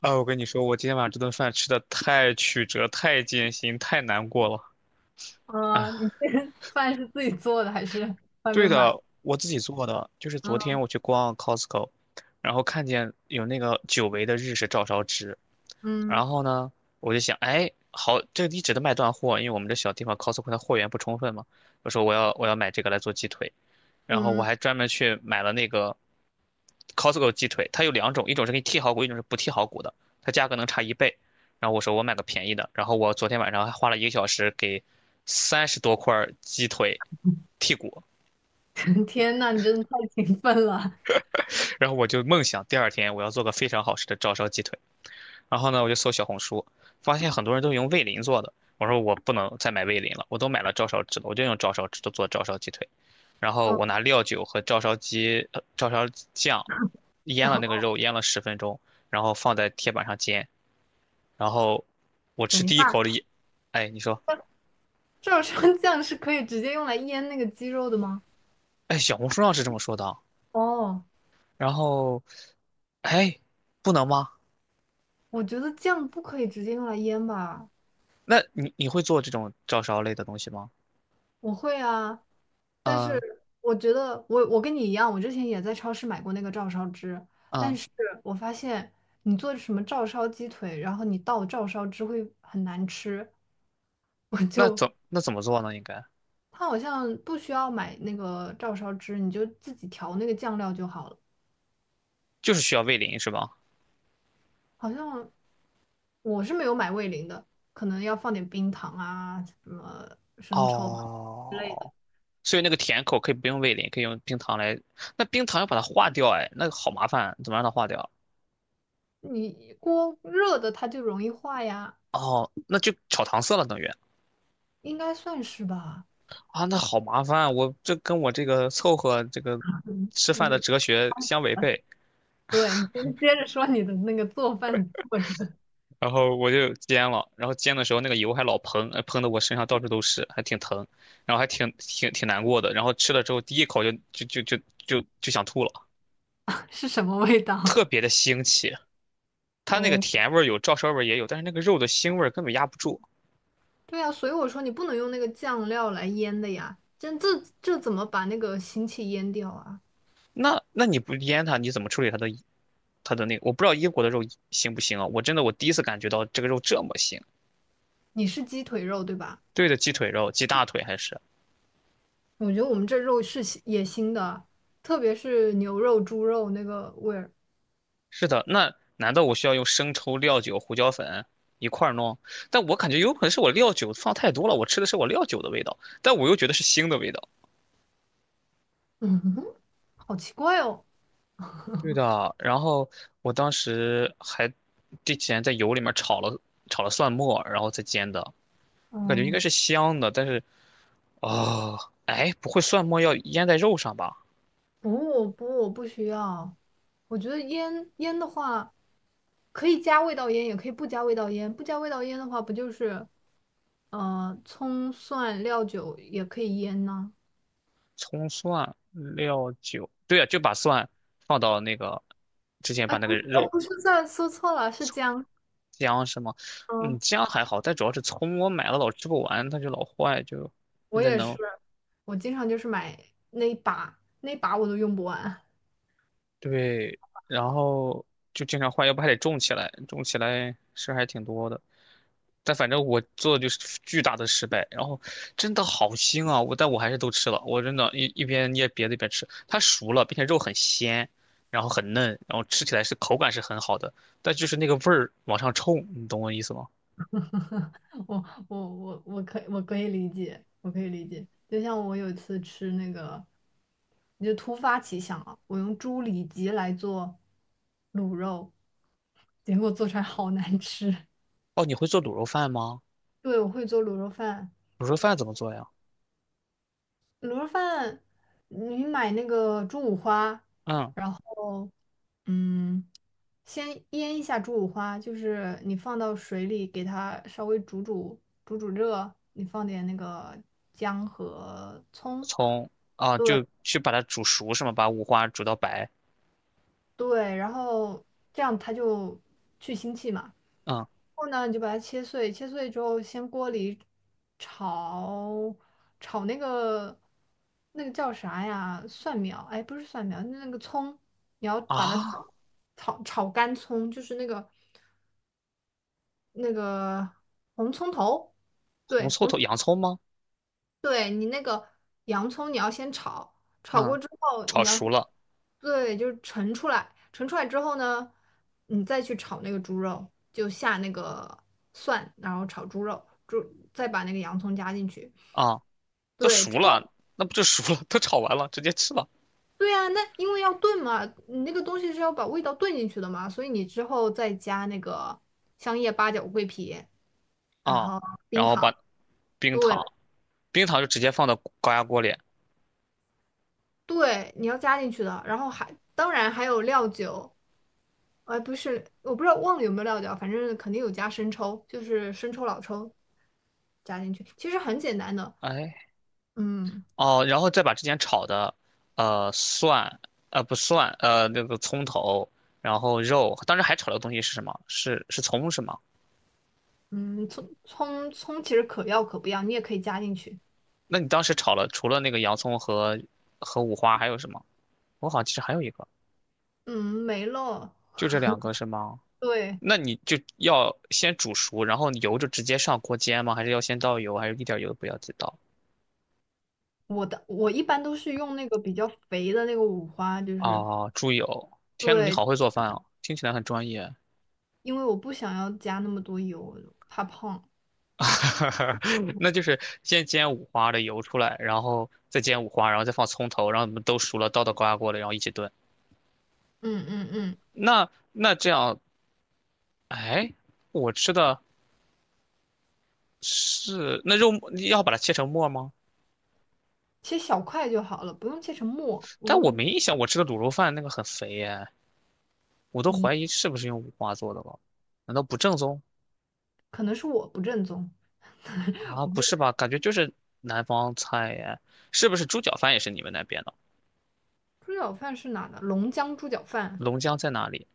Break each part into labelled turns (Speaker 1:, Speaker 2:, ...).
Speaker 1: 啊，我跟你说，我今天晚上这顿饭吃的太曲折、太艰辛、太难过了
Speaker 2: 嗯，你
Speaker 1: 啊！
Speaker 2: 这个饭是自己做的还是外
Speaker 1: 对
Speaker 2: 面买？
Speaker 1: 的，我自己做的，就是昨
Speaker 2: 嗯
Speaker 1: 天我去逛 Costco，然后看见有那个久违的日式照烧汁，
Speaker 2: 嗯
Speaker 1: 然后呢，我就想，哎，好，这个一直都卖断货，因为我们这小地方 Costco 它货源不充分嘛，我说我要买这个来做鸡腿，然后我
Speaker 2: 嗯，
Speaker 1: 还专门去买了那个 Costco 鸡腿，它有两种，一种是给你剔好骨，一种是不剔好骨的，它价格能差一倍。然后我说我买个便宜的，然后我昨天晚上还花了一个小时给30多块鸡腿剔骨，
Speaker 2: 天呐，你真的太勤奋了。
Speaker 1: 然后我就梦想第二天我要做个非常好吃的照烧鸡腿。然后呢，我就搜小红书，发现很多人都用味淋做的。我说我不能再买味淋了，我都买了照烧汁了，我就用照烧汁做做照烧鸡腿。然后
Speaker 2: 嗯，
Speaker 1: 我拿料酒和照烧酱腌了
Speaker 2: 等
Speaker 1: 那个肉，腌了10分钟，然后放在铁板上煎。然后我
Speaker 2: 等
Speaker 1: 吃
Speaker 2: 一下，
Speaker 1: 第一口里，哎，你说，
Speaker 2: 照烧酱是可以直接用来腌那个鸡肉的吗？
Speaker 1: 哎，小红书上是这么说的啊。
Speaker 2: 哦，
Speaker 1: 然后，哎，不能吗？
Speaker 2: 我觉得酱不可以直接用来腌吧。
Speaker 1: 那你会做这种照烧类的东西吗？
Speaker 2: 我会啊，但
Speaker 1: 啊、
Speaker 2: 是我觉得我跟你一样，我之前也在超市买过那个照烧汁，但
Speaker 1: 啊、
Speaker 2: 是我发现你做什么照烧鸡腿，然后你倒照烧汁会很难吃，我
Speaker 1: 那
Speaker 2: 就
Speaker 1: 怎那怎么做呢？应该
Speaker 2: 它好像不需要买那个照烧汁，你就自己调那个酱料就好了。
Speaker 1: 就是需要味淋是吧？
Speaker 2: 好像我是没有买味淋的，可能要放点冰糖啊什么。
Speaker 1: 哦，所以那个甜口可以不用味淋，可以用冰糖来。那冰糖要把它化掉，哎，那个好麻烦，怎么让它化掉？
Speaker 2: 你锅热的它就容易化呀，
Speaker 1: 哦，那就炒糖色了，等于
Speaker 2: 应该算是吧。
Speaker 1: 啊，那好麻烦，我这跟我这个凑合这个吃饭的
Speaker 2: 嗯，
Speaker 1: 哲学相违
Speaker 2: 啊
Speaker 1: 背。
Speaker 2: 对，你先接着说你的那个做饭过程。
Speaker 1: 然后我就煎了，然后煎的时候那个油还老喷，喷的我身上到处都是，还挺疼，然后还挺难过的。然后吃了之后第一口就想吐了，
Speaker 2: 是什么味道？
Speaker 1: 特别的腥气。它那个
Speaker 2: 哦，
Speaker 1: 甜味儿有，照烧味儿也有，但是那个肉的腥味儿根本压不住。
Speaker 2: 对啊，所以我说你不能用那个酱料来腌的呀，这这怎么把那个腥气腌掉啊？
Speaker 1: 那你不腌它，你怎么处理它的那个？我不知道英国的肉腥不腥啊？我真的我第一次感觉到这个肉这么腥。
Speaker 2: 你是鸡腿肉对吧？
Speaker 1: 对的，鸡腿肉、鸡大腿还是
Speaker 2: 我觉得我们这肉是野也腥的，特别是牛肉、猪肉那个味儿，
Speaker 1: 是的。那难道我需要用生抽、料酒、胡椒粉一块儿弄？但我感觉有可能是我料酒放太多了，我吃的是我料酒的味道，但我又觉得是腥的味道。
Speaker 2: 嗯，好奇怪哦。
Speaker 1: 对的，然后我当时还之前在油里面炒了蒜末，然后再煎的。我感觉应该
Speaker 2: 嗯，
Speaker 1: 是香的，但是哦，哎，不会蒜末要腌在肉上吧？
Speaker 2: 不，我不需要。我觉得腌腌的话，可以加味道腌，也可以不加味道腌。不加味道腌的话，不就是葱蒜料酒也可以腌呢？
Speaker 1: 葱蒜料酒，对呀、就把蒜放到那个之前
Speaker 2: 哎，
Speaker 1: 把那
Speaker 2: 不
Speaker 1: 个
Speaker 2: 是，哎，
Speaker 1: 肉
Speaker 2: 不是蒜，说错了，是姜。
Speaker 1: 姜是吗？嗯，
Speaker 2: 嗯，
Speaker 1: 姜还好，但主要是葱，我买了老吃不完，它就老坏，就现
Speaker 2: 我
Speaker 1: 在
Speaker 2: 也是，
Speaker 1: 能
Speaker 2: 我经常就是买那一把，那一把我都用不完。
Speaker 1: 对，然后就经常换，要不还得种起来，种起来事儿还挺多的。但反正我做的就是巨大的失败，然后真的好腥啊！但我还是都吃了，我真的一边捏别的一边吃。它熟了，并且肉很鲜，然后很嫩，然后吃起来是口感是很好的，但就是那个味儿往上冲，你懂我意思吗？
Speaker 2: 我可以可以理解，我可以理解。就像我有一次吃那个，你就突发奇想啊，我用猪里脊来做卤肉，结果做出来好难吃。
Speaker 1: 哦，你会做卤肉饭吗？
Speaker 2: 对，我会做卤肉饭，
Speaker 1: 卤肉饭怎么做呀？
Speaker 2: 卤肉饭你买那个猪五花，
Speaker 1: 嗯，
Speaker 2: 然后嗯，先腌一下猪五花，就是你放到水里给它稍微煮热，你放点那个姜和葱。
Speaker 1: 从啊
Speaker 2: 对
Speaker 1: 就去把它煮熟是吗？把五花煮到白。
Speaker 2: 对，然后这样它就去腥气嘛。然
Speaker 1: 嗯
Speaker 2: 后呢，你就把它切碎，切碎之后先锅里炒炒那个那个叫啥呀？蒜苗？哎，不是蒜苗，那个葱，你要把它炒
Speaker 1: 啊，
Speaker 2: 炒炒干葱，就是那个红葱头，
Speaker 1: 红
Speaker 2: 对，
Speaker 1: 葱
Speaker 2: 红。
Speaker 1: 头、洋葱吗？
Speaker 2: 对你那个洋葱，你要先炒，炒过
Speaker 1: 嗯，
Speaker 2: 之后
Speaker 1: 炒
Speaker 2: 你要，
Speaker 1: 熟了
Speaker 2: 对，就是盛出来，盛出来之后呢，你再去炒那个猪肉，就下那个蒜，然后炒猪肉，猪再把那个洋葱加进去。
Speaker 1: 啊，都
Speaker 2: 对，
Speaker 1: 熟了，那不就熟了？都炒完了，直接吃了
Speaker 2: 对啊，那因为要炖嘛，你那个东西是要把味道炖进去的嘛，所以你之后再加那个香叶、八角、桂皮，然
Speaker 1: 啊。
Speaker 2: 后
Speaker 1: 然
Speaker 2: 冰
Speaker 1: 后
Speaker 2: 糖，
Speaker 1: 把冰
Speaker 2: 对，
Speaker 1: 糖，冰糖就直接放到高压锅里。
Speaker 2: 对，你要加进去的，然后还当然还有料酒，哎，不是，我不知道忘了有没有料酒啊，反正肯定有加生抽，就是生抽、老抽加进去，其实很简单的，
Speaker 1: 哎，
Speaker 2: 嗯
Speaker 1: 哦，然后再把之前炒的，蒜，不蒜，那个葱头，然后肉，当时还炒的东西是什么？是葱是吗？
Speaker 2: 嗯，葱其实可要可不要，你也可以加进去，
Speaker 1: 那你当时炒了，除了那个洋葱和五花，还有什么？我好像其实还有一个，
Speaker 2: 嗯，没了。
Speaker 1: 就这两个是吗？
Speaker 2: 对，
Speaker 1: 那你就要先煮熟，然后油就直接上锅煎吗？还是要先倒油，还是一点油都不要再倒？
Speaker 2: 我一般都是用那个比较肥的那个五花，就是
Speaker 1: 啊，猪油！天呐，你
Speaker 2: 对，
Speaker 1: 好会做饭哦，听起来很专业。
Speaker 2: 因为我不想要加那么多油，怕胖。
Speaker 1: 那就是先煎五花的油出来，然后再煎五花，然后再放葱头，然后你们都熟了，倒到高压锅里，然后一起炖。
Speaker 2: 嗯嗯嗯，
Speaker 1: 那这样，哎，我吃的是那肉末，要把它切成末吗？
Speaker 2: 切小块就好了，不用切成末。我
Speaker 1: 但我
Speaker 2: 用
Speaker 1: 没印象，我吃的卤肉饭那个很肥耶，我都怀疑是不是用五花做的了，难道不正宗？
Speaker 2: 可能是我不正宗，
Speaker 1: 啊，
Speaker 2: 我
Speaker 1: 不
Speaker 2: 们
Speaker 1: 是吧？感觉就是南方菜耶，是不是猪脚饭也是你们那边的？
Speaker 2: 猪脚饭是哪的？龙江猪脚饭。
Speaker 1: 龙江在哪里？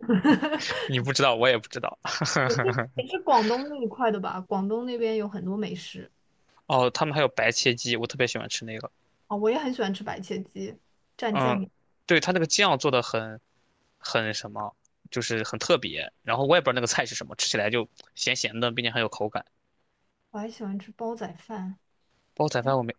Speaker 1: 你不知道，我也不知道。
Speaker 2: 也是广东那一块的吧？广东那边有很多美食。
Speaker 1: 哦，他们还有白切鸡，我特别喜欢吃那个。
Speaker 2: 啊、我也很喜欢吃白切鸡蘸酱
Speaker 1: 嗯，
Speaker 2: 油，
Speaker 1: 对，他那个酱做的很什么，就是很特别。然后我也不知道那个菜是什么，吃起来就咸咸的，并且很有口感。
Speaker 2: 我还喜欢吃煲仔饭，
Speaker 1: 煲仔饭我没，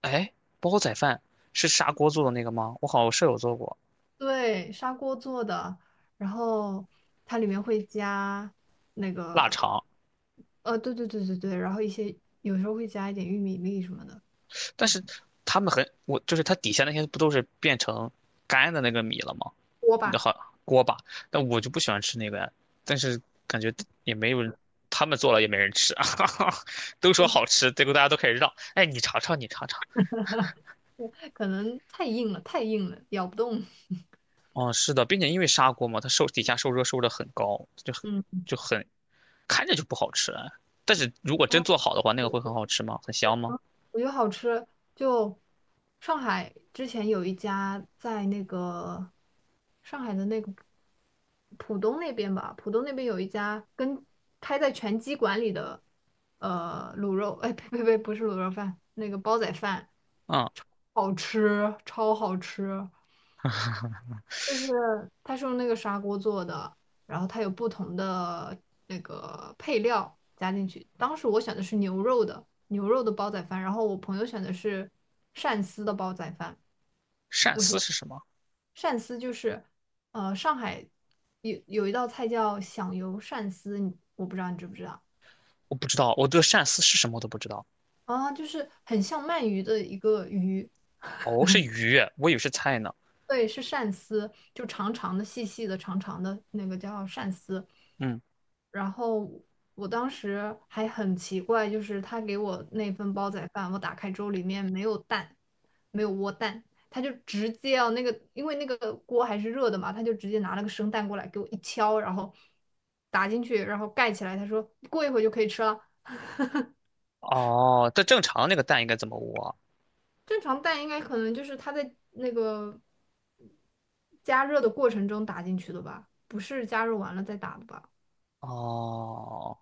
Speaker 1: 哎，煲仔饭是砂锅做的那个吗？我好像舍友做过
Speaker 2: 对，砂锅做的，然后它里面会加那
Speaker 1: 腊
Speaker 2: 个
Speaker 1: 肠。
Speaker 2: 对对，然后一些有时候会加一点玉米粒什么的，
Speaker 1: 但是他们很，我就是它底下那些不都是变成干的那个米了吗？
Speaker 2: 锅
Speaker 1: 那
Speaker 2: 巴，
Speaker 1: 好锅巴，但我就不喜欢吃那个呀。但是感觉也没有人，他们做了也没人吃啊，都说好吃，结果大家都开始让，哎，你尝尝，你尝尝。
Speaker 2: 可能太硬了，咬不动。
Speaker 1: 哦，是的，并且因为砂锅嘛，它受底下受热受的很高，就很
Speaker 2: 嗯。
Speaker 1: 就很看着就不好吃啊。但是如果真做好的话，那个会很好吃吗？很香吗？
Speaker 2: 我觉得好吃，就上海之前有一家在那个上海的那个浦东那边吧，浦东那边有一家跟开在拳击馆里的卤肉，哎呸呸呸，不是卤肉饭，那个煲仔饭，
Speaker 1: 嗯，
Speaker 2: 好吃，超好吃。就是它是用那个砂锅做的，然后它有不同的那个配料加进去。当时我选的是牛肉的煲仔饭，然后我朋友选的是鳝丝的煲仔饭。
Speaker 1: 鳝丝是什么？
Speaker 2: 鳝丝就是上海有一道菜叫响油鳝丝，你我不知道你知不知道
Speaker 1: 我不知道，我对鳝丝是什么我都不知道。
Speaker 2: 啊，就是很像鳗鱼的一个鱼，
Speaker 1: 哦，是鱼，我以为是菜呢。
Speaker 2: 对，是鳝丝，就长长的、细细的、长长的那个叫鳝丝。
Speaker 1: 嗯，
Speaker 2: 然后我当时还很奇怪，就是他给我那份煲仔饭，我打开之后里面没有蛋，没有窝蛋，他就直接啊那个，因为那个锅还是热的嘛，他就直接拿了个生蛋过来给我一敲，然后打进去，然后盖起来，他说过一会儿就可以吃了。
Speaker 1: 哦，这正常那个蛋应该怎么捂啊
Speaker 2: 正常蛋应该可能就是它在那个加热的过程中打进去的吧，不是加热完了再打的吧？
Speaker 1: 哦，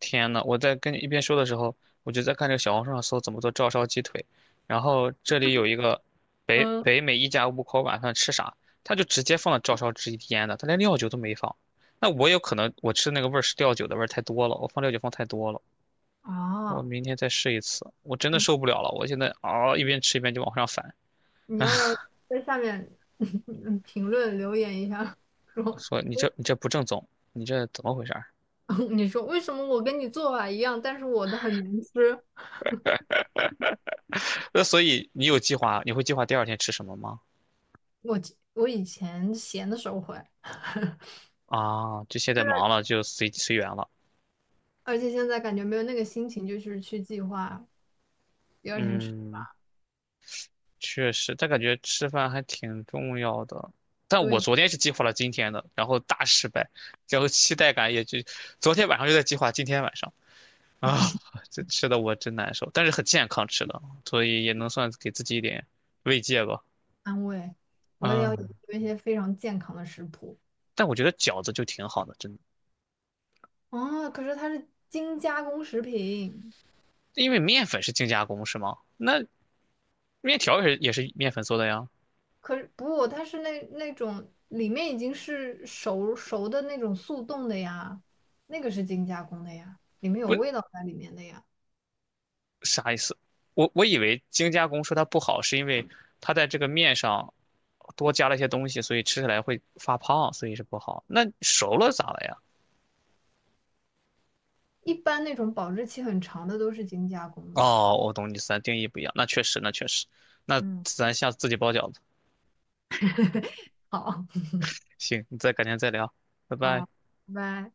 Speaker 1: 天呐，我在跟你一边说的时候，我就在看这个小红书上搜怎么做照烧鸡腿，然后这里有一个
Speaker 2: 嗯，
Speaker 1: 北美一家五口晚上吃啥，他就直接放了照烧汁腌的，他连料酒都没放。那我有可能我吃的那个味儿是料酒的味儿太多了，我放料酒放太多了。我
Speaker 2: 啊，
Speaker 1: 明天再试一次，我真的受不了了，我现在嗷、一边吃一边就往上反，
Speaker 2: 你要不要在下面 评论留言一下，说
Speaker 1: 说你这不正宗，你这怎么回事儿？
Speaker 2: 你说为什么我跟你做法一样，但是我的很难吃？
Speaker 1: 那所以你有计划，你会计划第二天吃什么吗？
Speaker 2: 我我以前闲的时候会，
Speaker 1: 啊，就现在
Speaker 2: 现在
Speaker 1: 忙了，就随缘了。
Speaker 2: 而且现在感觉没有那个心情，就是去计划第二天吃
Speaker 1: 嗯，
Speaker 2: 吧，
Speaker 1: 确实，但感觉吃饭还挺重要的。但我
Speaker 2: 对，
Speaker 1: 昨天是计划了今天的，然后大失败，然后期待感也就昨天晚上就在计划今天晚上啊，这吃的我真难受，但是很健康吃的，所以也能算给自己一点慰藉吧。
Speaker 2: 安慰。我也
Speaker 1: 啊，
Speaker 2: 要有一些非常健康的食谱。
Speaker 1: 但我觉得饺子就挺好的，真的，
Speaker 2: 哦，可是它是精加工食品，
Speaker 1: 因为面粉是精加工是吗？那面条也是面粉做的呀。
Speaker 2: 可是不，它是那种里面已经是熟熟的那种速冻的呀，那个是精加工的呀，里面有
Speaker 1: 不，
Speaker 2: 味道在里面的呀。
Speaker 1: 啥意思？我以为精加工说它不好，是因为它在这个面上多加了一些东西，所以吃起来会发胖，所以是不好。那熟了咋了呀？
Speaker 2: 一般那种保质期很长的都是精加工的。
Speaker 1: 哦，我懂你意思，定义不一样，那确实，那确实，那
Speaker 2: 嗯，
Speaker 1: 咱下次自己包饺子。
Speaker 2: 好，
Speaker 1: 行，你再改天再聊，拜拜。
Speaker 2: 好，拜拜。